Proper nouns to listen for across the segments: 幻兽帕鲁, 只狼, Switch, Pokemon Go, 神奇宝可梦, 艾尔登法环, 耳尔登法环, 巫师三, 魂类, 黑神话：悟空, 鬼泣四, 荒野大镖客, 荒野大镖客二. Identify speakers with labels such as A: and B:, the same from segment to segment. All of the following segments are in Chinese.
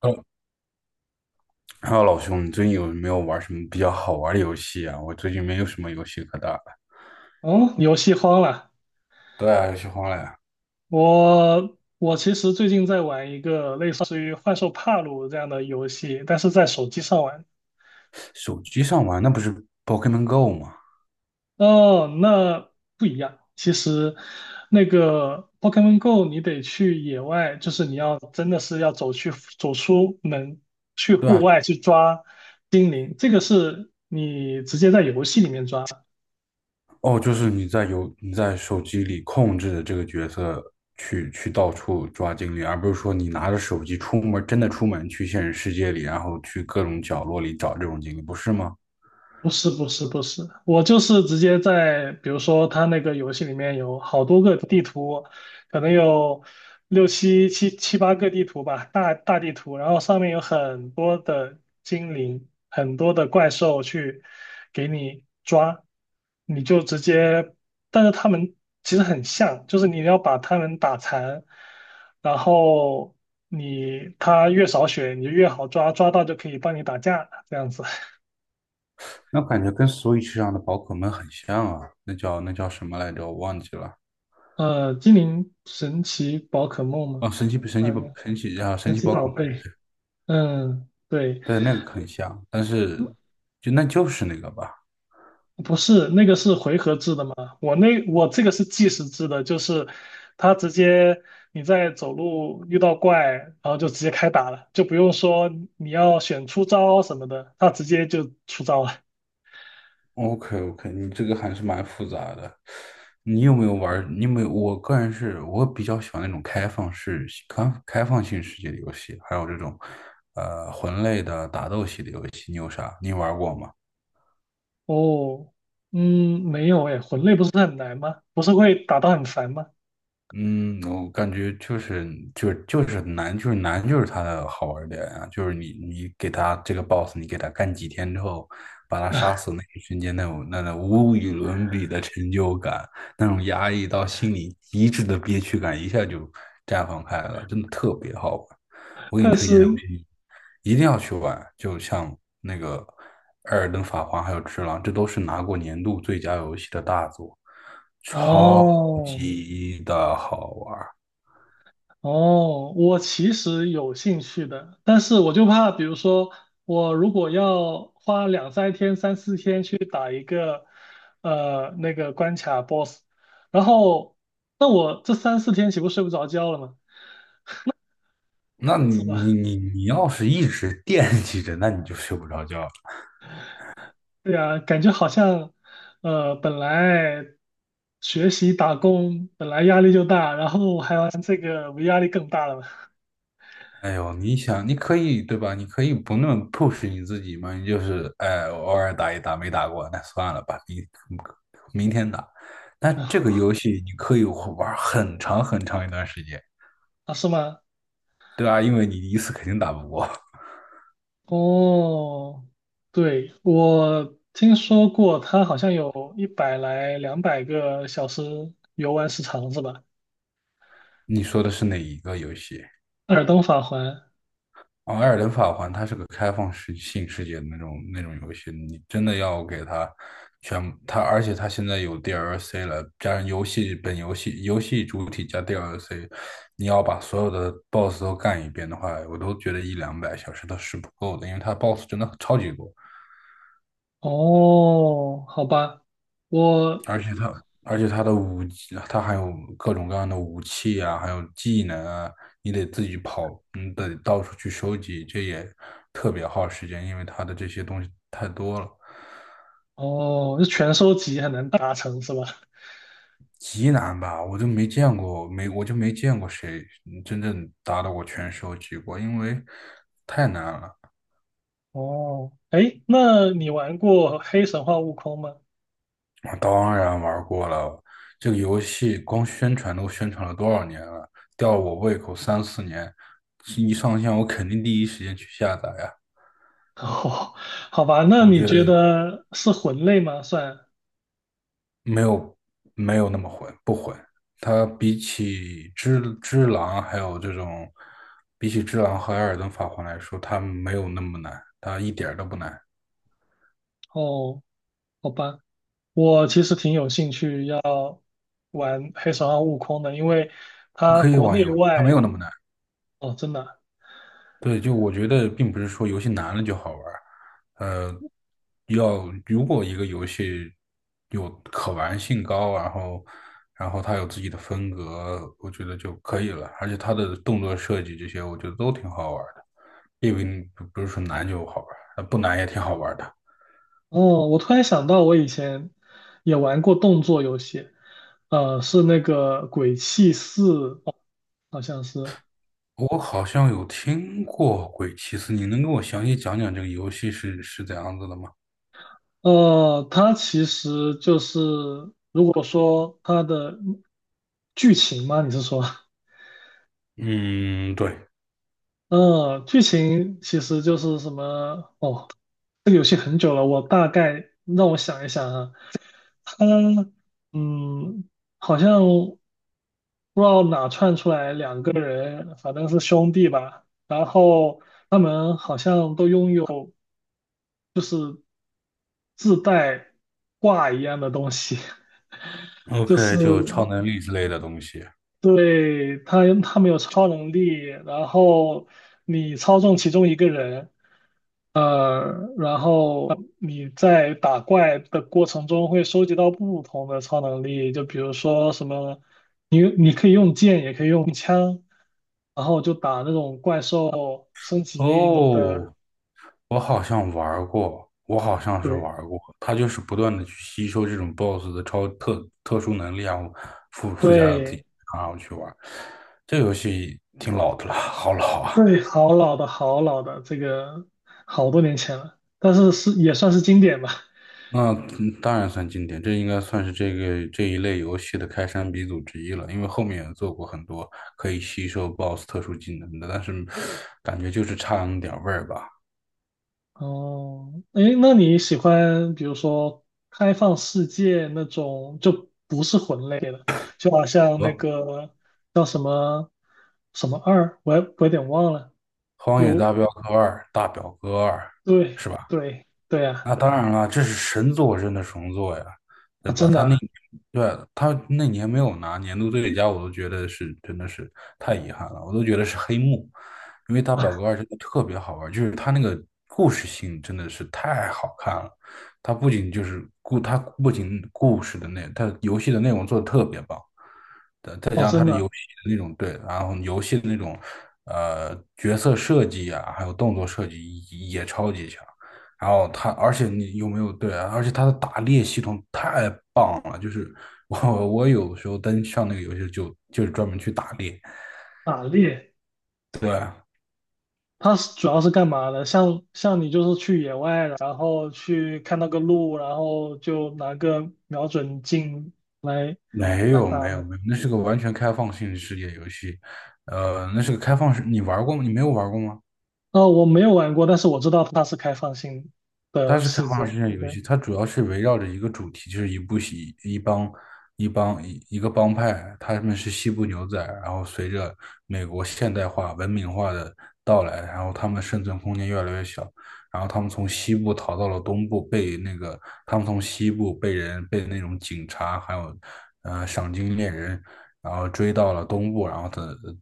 A: 哦，还有老兄，你最近有没有玩什么比较好玩的游戏啊？我最近没有什么游戏可打了。
B: 嗯，游戏荒了。
A: 对啊，游戏荒了呀。
B: 我其实最近在玩一个类似于《幻兽帕鲁》这样的游戏，但是在手机上玩。
A: 手机上玩那不是 Pokemon Go 吗？
B: 哦，那不一样。其实那个 Pokemon Go，你得去野外，就是你要真的是要走去走出门，去
A: 对
B: 户
A: 啊。
B: 外去抓精灵，这个是你直接在游戏里面抓。
A: 哦，就是你你在手机里控制的这个角色去到处抓精灵，而不是说你拿着手机出门，真的出门去现实世界里，然后去各种角落里找这种精灵，不是吗？
B: 不是不是不是，我就是直接在，比如说它那个游戏里面有好多个地图，可能有六七八个地图吧，大地图，然后上面有很多的精灵，很多的怪兽去给你抓，你就直接，但是他们其实很像，就是你要把他们打残，然后你他越少血，你就越好抓，抓到就可以帮你打架，这样子。
A: 那感觉跟 Switch 上的宝可梦很像啊，那叫什么来着？我忘记了。
B: 精灵神奇宝可梦吗？
A: 哦，
B: 嗯，
A: 神
B: 神
A: 奇
B: 奇
A: 宝可
B: 宝
A: 梦。
B: 贝。嗯，对，
A: 对，那个很像，但是就是那个吧。
B: 不是那个是回合制的嘛？我那我这个是计时制的，就是它直接你在走路遇到怪，然后就直接开打了，就不用说你要选出招什么的，它直接就出招了。
A: OK，你这个还是蛮复杂的。你有没有玩儿？你有没有？我个人是我比较喜欢那种开放式、开放性世界的游戏，还有这种魂类的打斗系的游戏。你有啥？你玩过吗？
B: 哦，嗯，没有诶，魂类不是很难吗？不是会打到很烦吗？
A: 嗯，我感觉就是难，就是难，就是它的好玩儿点啊！就是你给它这个 boss，你给它干几天之后，把它杀死那一瞬间，那种无与伦比的成就感，那种压抑到心里极致的憋屈感，一下就绽放开了，真的特别好玩。我给你
B: 但
A: 推荐这游
B: 是
A: 戏，一定要去玩。就像那个《艾尔登法环》还有《只狼》，这都是拿过年度最佳游戏的大作，超
B: 哦。
A: 级的好玩。
B: 哦，我其实有兴趣的，但是我就怕，比如说我如果要花两三天、三四天去打一个那个关卡 BOSS，然后那我这三四天岂不睡不着觉了吗？
A: 那你
B: 是
A: 你
B: 吧？
A: 你你要是一直惦记着，那你就睡不着觉了。
B: 对啊，感觉好像本来学习打工本来压力就大，然后还玩这个不压力更大了吗？
A: 哎呦，你想，你可以对吧？你可以不那么 push 你自己嘛，你就是哎，我偶尔打一打，没打过，那算了吧，你明天打。那这个游戏你可以玩很长很长一段时间，
B: 啊，是吗？
A: 对吧？因为你一次肯定打不过。
B: 哦，对，我听说过，它好像有100来200个小时游玩时长是吧？
A: 你说的是哪一个游戏？
B: 《耳尔登法环》。
A: 哦，《艾尔登法环》它是个开放式性世界的那种游戏，你真的要给它全它，而且它现在有 DLC 了，加上游戏本游戏游戏主体加 DLC，你要把所有的 BOSS 都干一遍的话，我都觉得一两百小时都是不够的，因为它 BOSS 真的超级多。
B: 哦，好吧，我
A: 而且它，而且它的武器，他还有各种各样的武器啊，还有技能啊，你得自己跑，你得到处去收集，这也特别耗时间，因为它的这些东西太多了，
B: 哦，是全收集很难达成是吧？
A: 极难吧？我就没见过谁真正达到过全收集过，因为太难了。
B: 哦，哎，那你玩过《黑神话：悟空》吗？
A: 我当然玩过了，这个游戏光宣传都宣传了多少年了，吊我胃口三四年，一上线我肯定第一时间去下载呀。
B: 哦，好吧，那
A: 我
B: 你
A: 觉
B: 觉
A: 得
B: 得是魂类吗？算
A: 没有没有那么混，不混。它比起只狼，还有这种，比起只狼和艾尔登法环来说，它没有那么难，它一点儿都不难，
B: 哦，好吧。我其实挺有兴趣要玩黑神话：悟空的，因为它
A: 可以
B: 国
A: 玩一
B: 内
A: 玩，它没有
B: 外
A: 那么难。
B: 哦，真的啊。
A: 对，就我觉得并不是说游戏难了就好玩儿，呃，如果一个游戏有可玩性高，然后它有自己的风格，我觉得就可以了。而且它的动作设计这些，我觉得都挺好玩儿的，并不是说难就好玩儿，不难也挺好玩儿的。
B: 哦，我突然想到，我以前也玩过动作游戏，是那个《鬼泣四》，哦，好像是，
A: 我好像有听过《鬼泣四》，你能跟我详细讲讲这个游戏是怎样子的吗？
B: 它其实就是如果说它的剧情吗？你是说，
A: 嗯，对
B: 嗯、剧情其实就是什么？哦，这个游戏很久了，我大概让我想一想啊。他嗯，好像不知道哪窜出来两个人，反正是兄弟吧。然后他们好像都拥有自带挂一样的东西，就
A: ，OK，
B: 是
A: 就超能力之类的东西。
B: 对他们有超能力，然后你操纵其中一个人，然后你在打怪的过程中会收集到不同的超能力，就比如说什么，你可以用剑，也可以用枪，然后就打那种怪兽，升级你的，
A: 哦，我好像是
B: 对
A: 玩儿过。他就是不断的去吸收这种 BOSS 的超特殊能力啊，然后附加到自己
B: 对
A: 身上，然后去玩儿这游戏挺老的了，好老啊！
B: 对，好老的好老的，这个好多年前了，但是是也算是经典吧。
A: 那当然算经典，这应该算是这一类游戏的开山鼻祖之一了。因为后面也做过很多可以吸收 BOSS 特殊技能的，但是感觉就是差那么点儿味儿吧。
B: 哦，诶，那你喜欢比如说开放世界那种，就不是魂类的，就好像那
A: 呃，
B: 个叫什么什么二，我也我有点忘了。
A: 《荒野
B: 有，
A: 大镖客二》大表哥二》。
B: 对对对啊，
A: 那当然了，这是神作，真的神作呀，
B: 啊，
A: 对吧？
B: 真的啊，
A: 他那年没有拿年度最佳，我都觉得是真的是太遗憾了，我都觉得是黑幕，因为他表
B: 啊
A: 格二真的特别好玩，就是他那个故事性真的是太好看了。他不仅故事的内，他游戏的内容做的特别棒，
B: 哦，真的啊。
A: 对，然后游戏的那种角色设计啊，还有动作设计也超级强。然后它，而且你有没有对啊？而且它的打猎系统太棒了，就是我有时候登上那个游戏就是专门去打猎。
B: 打猎，
A: 对，
B: 它是主要是干嘛的？像你就是去野外，然后去看到个鹿，然后就拿个瞄准镜来
A: 没
B: 来
A: 有
B: 打。
A: 没有没有，那是个完全开放性世界游戏。那是个开放式，你玩过吗？你没有玩过吗？
B: 哦，我没有玩过，但是我知道它是开放性
A: 它
B: 的
A: 是开
B: 世界。
A: 放世界游
B: 对，
A: 戏，它主要是围绕着一个主题，就是一部戏、一帮、一帮、一一个帮派，他们是西部牛仔，然后随着美国现代化、文明化的到来，然后他们生存空间越来越小，然后他们从西部逃到了东部，被那个他们从西部被那种警察还有赏金猎人，然后追到了东部，然后他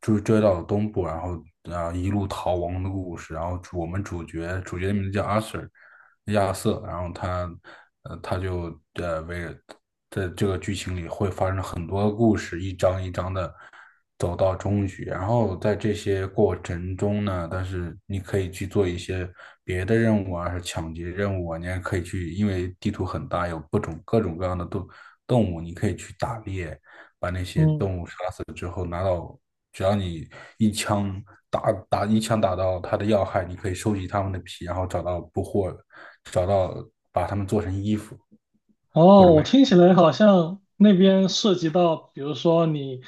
A: 追到了东部，然后啊一路逃亡的故事，然后我们主角的名字叫阿 Sir。亚瑟，然后他呃他就呃为，在这个剧情里会发生很多故事，一章一章的走到终局。然后在这些过程中呢，但是你可以去做一些别的任务啊，是抢劫任务啊，你还可以去，因为地图很大，有各种各样的动物，你可以去打猎，把那些
B: 嗯，
A: 动物杀死之后拿到。只要你一枪一枪打到它的要害，你可以收集它们的皮，然后找到把它们做成衣服或者
B: 哦，我
A: 卖。
B: 听起来好像那边涉及到，比如说你，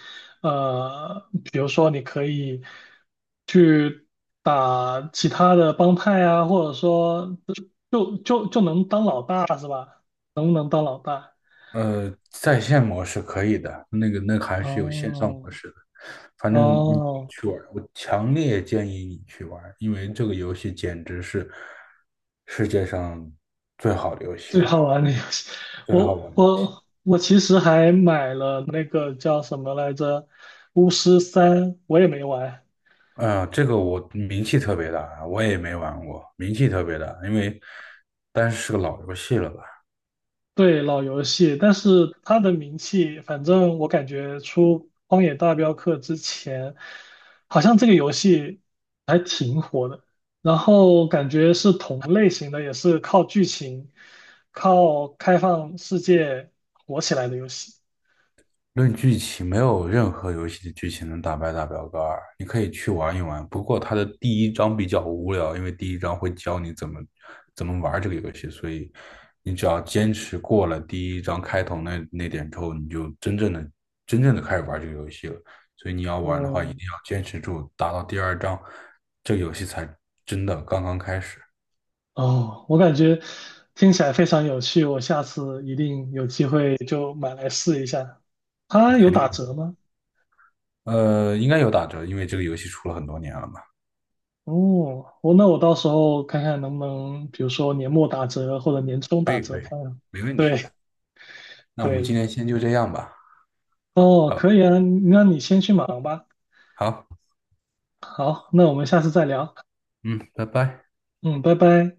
B: 比如说你可以去打其他的帮派啊，或者说就能当老大是吧？能不能当老大？
A: 在线模式可以的，那个还是有线上
B: 哦
A: 模式的。反正你
B: 哦，
A: 去玩，我强烈建议你去玩，因为这个游戏简直是世界上最好的游戏
B: 最好
A: 了，
B: 玩的游戏，
A: 最好
B: 我
A: 玩的。
B: 我我其实还买了那个叫什么来着，《巫师三》，我也没玩。
A: 嗯，这个我名气特别大啊，我也没玩过，名气特别大，但是是个老游戏了吧。
B: 对，老游戏，但是它的名气，反正我感觉出《荒野大镖客》之前，好像这个游戏还挺火的。然后感觉是同类型的，也是靠剧情、靠开放世界火起来的游戏。
A: 论剧情，没有任何游戏的剧情能打败《大表哥二》，你可以去玩一玩。不过它的第一章比较无聊，因为第一章会教你怎么玩这个游戏，所以你只要坚持过了第一章开头那点之后，你就真正的开始玩这个游戏了。所以你要玩的话，一
B: 哦，
A: 定要坚持住，打到第二章，这个游戏才真的刚刚开始。
B: 哦，我感觉听起来非常有趣，我下次一定有机会就买来试一下。它有
A: 肯
B: 打
A: 定，
B: 折吗？
A: 应该有打折，因为这个游戏出了很多年了嘛。
B: 哦，我那我到时候看看能不能，比如说年末打折或者年终
A: 可
B: 打
A: 以，
B: 折
A: 可以，
B: 看看。
A: 没问题的。
B: 对
A: 那我们今
B: 对，
A: 天先就这样吧。
B: 哦，
A: 好，
B: 可以啊，那你先去忙吧。
A: 好，
B: 好，那我们下次再聊。
A: 嗯，拜拜。
B: 嗯，拜拜。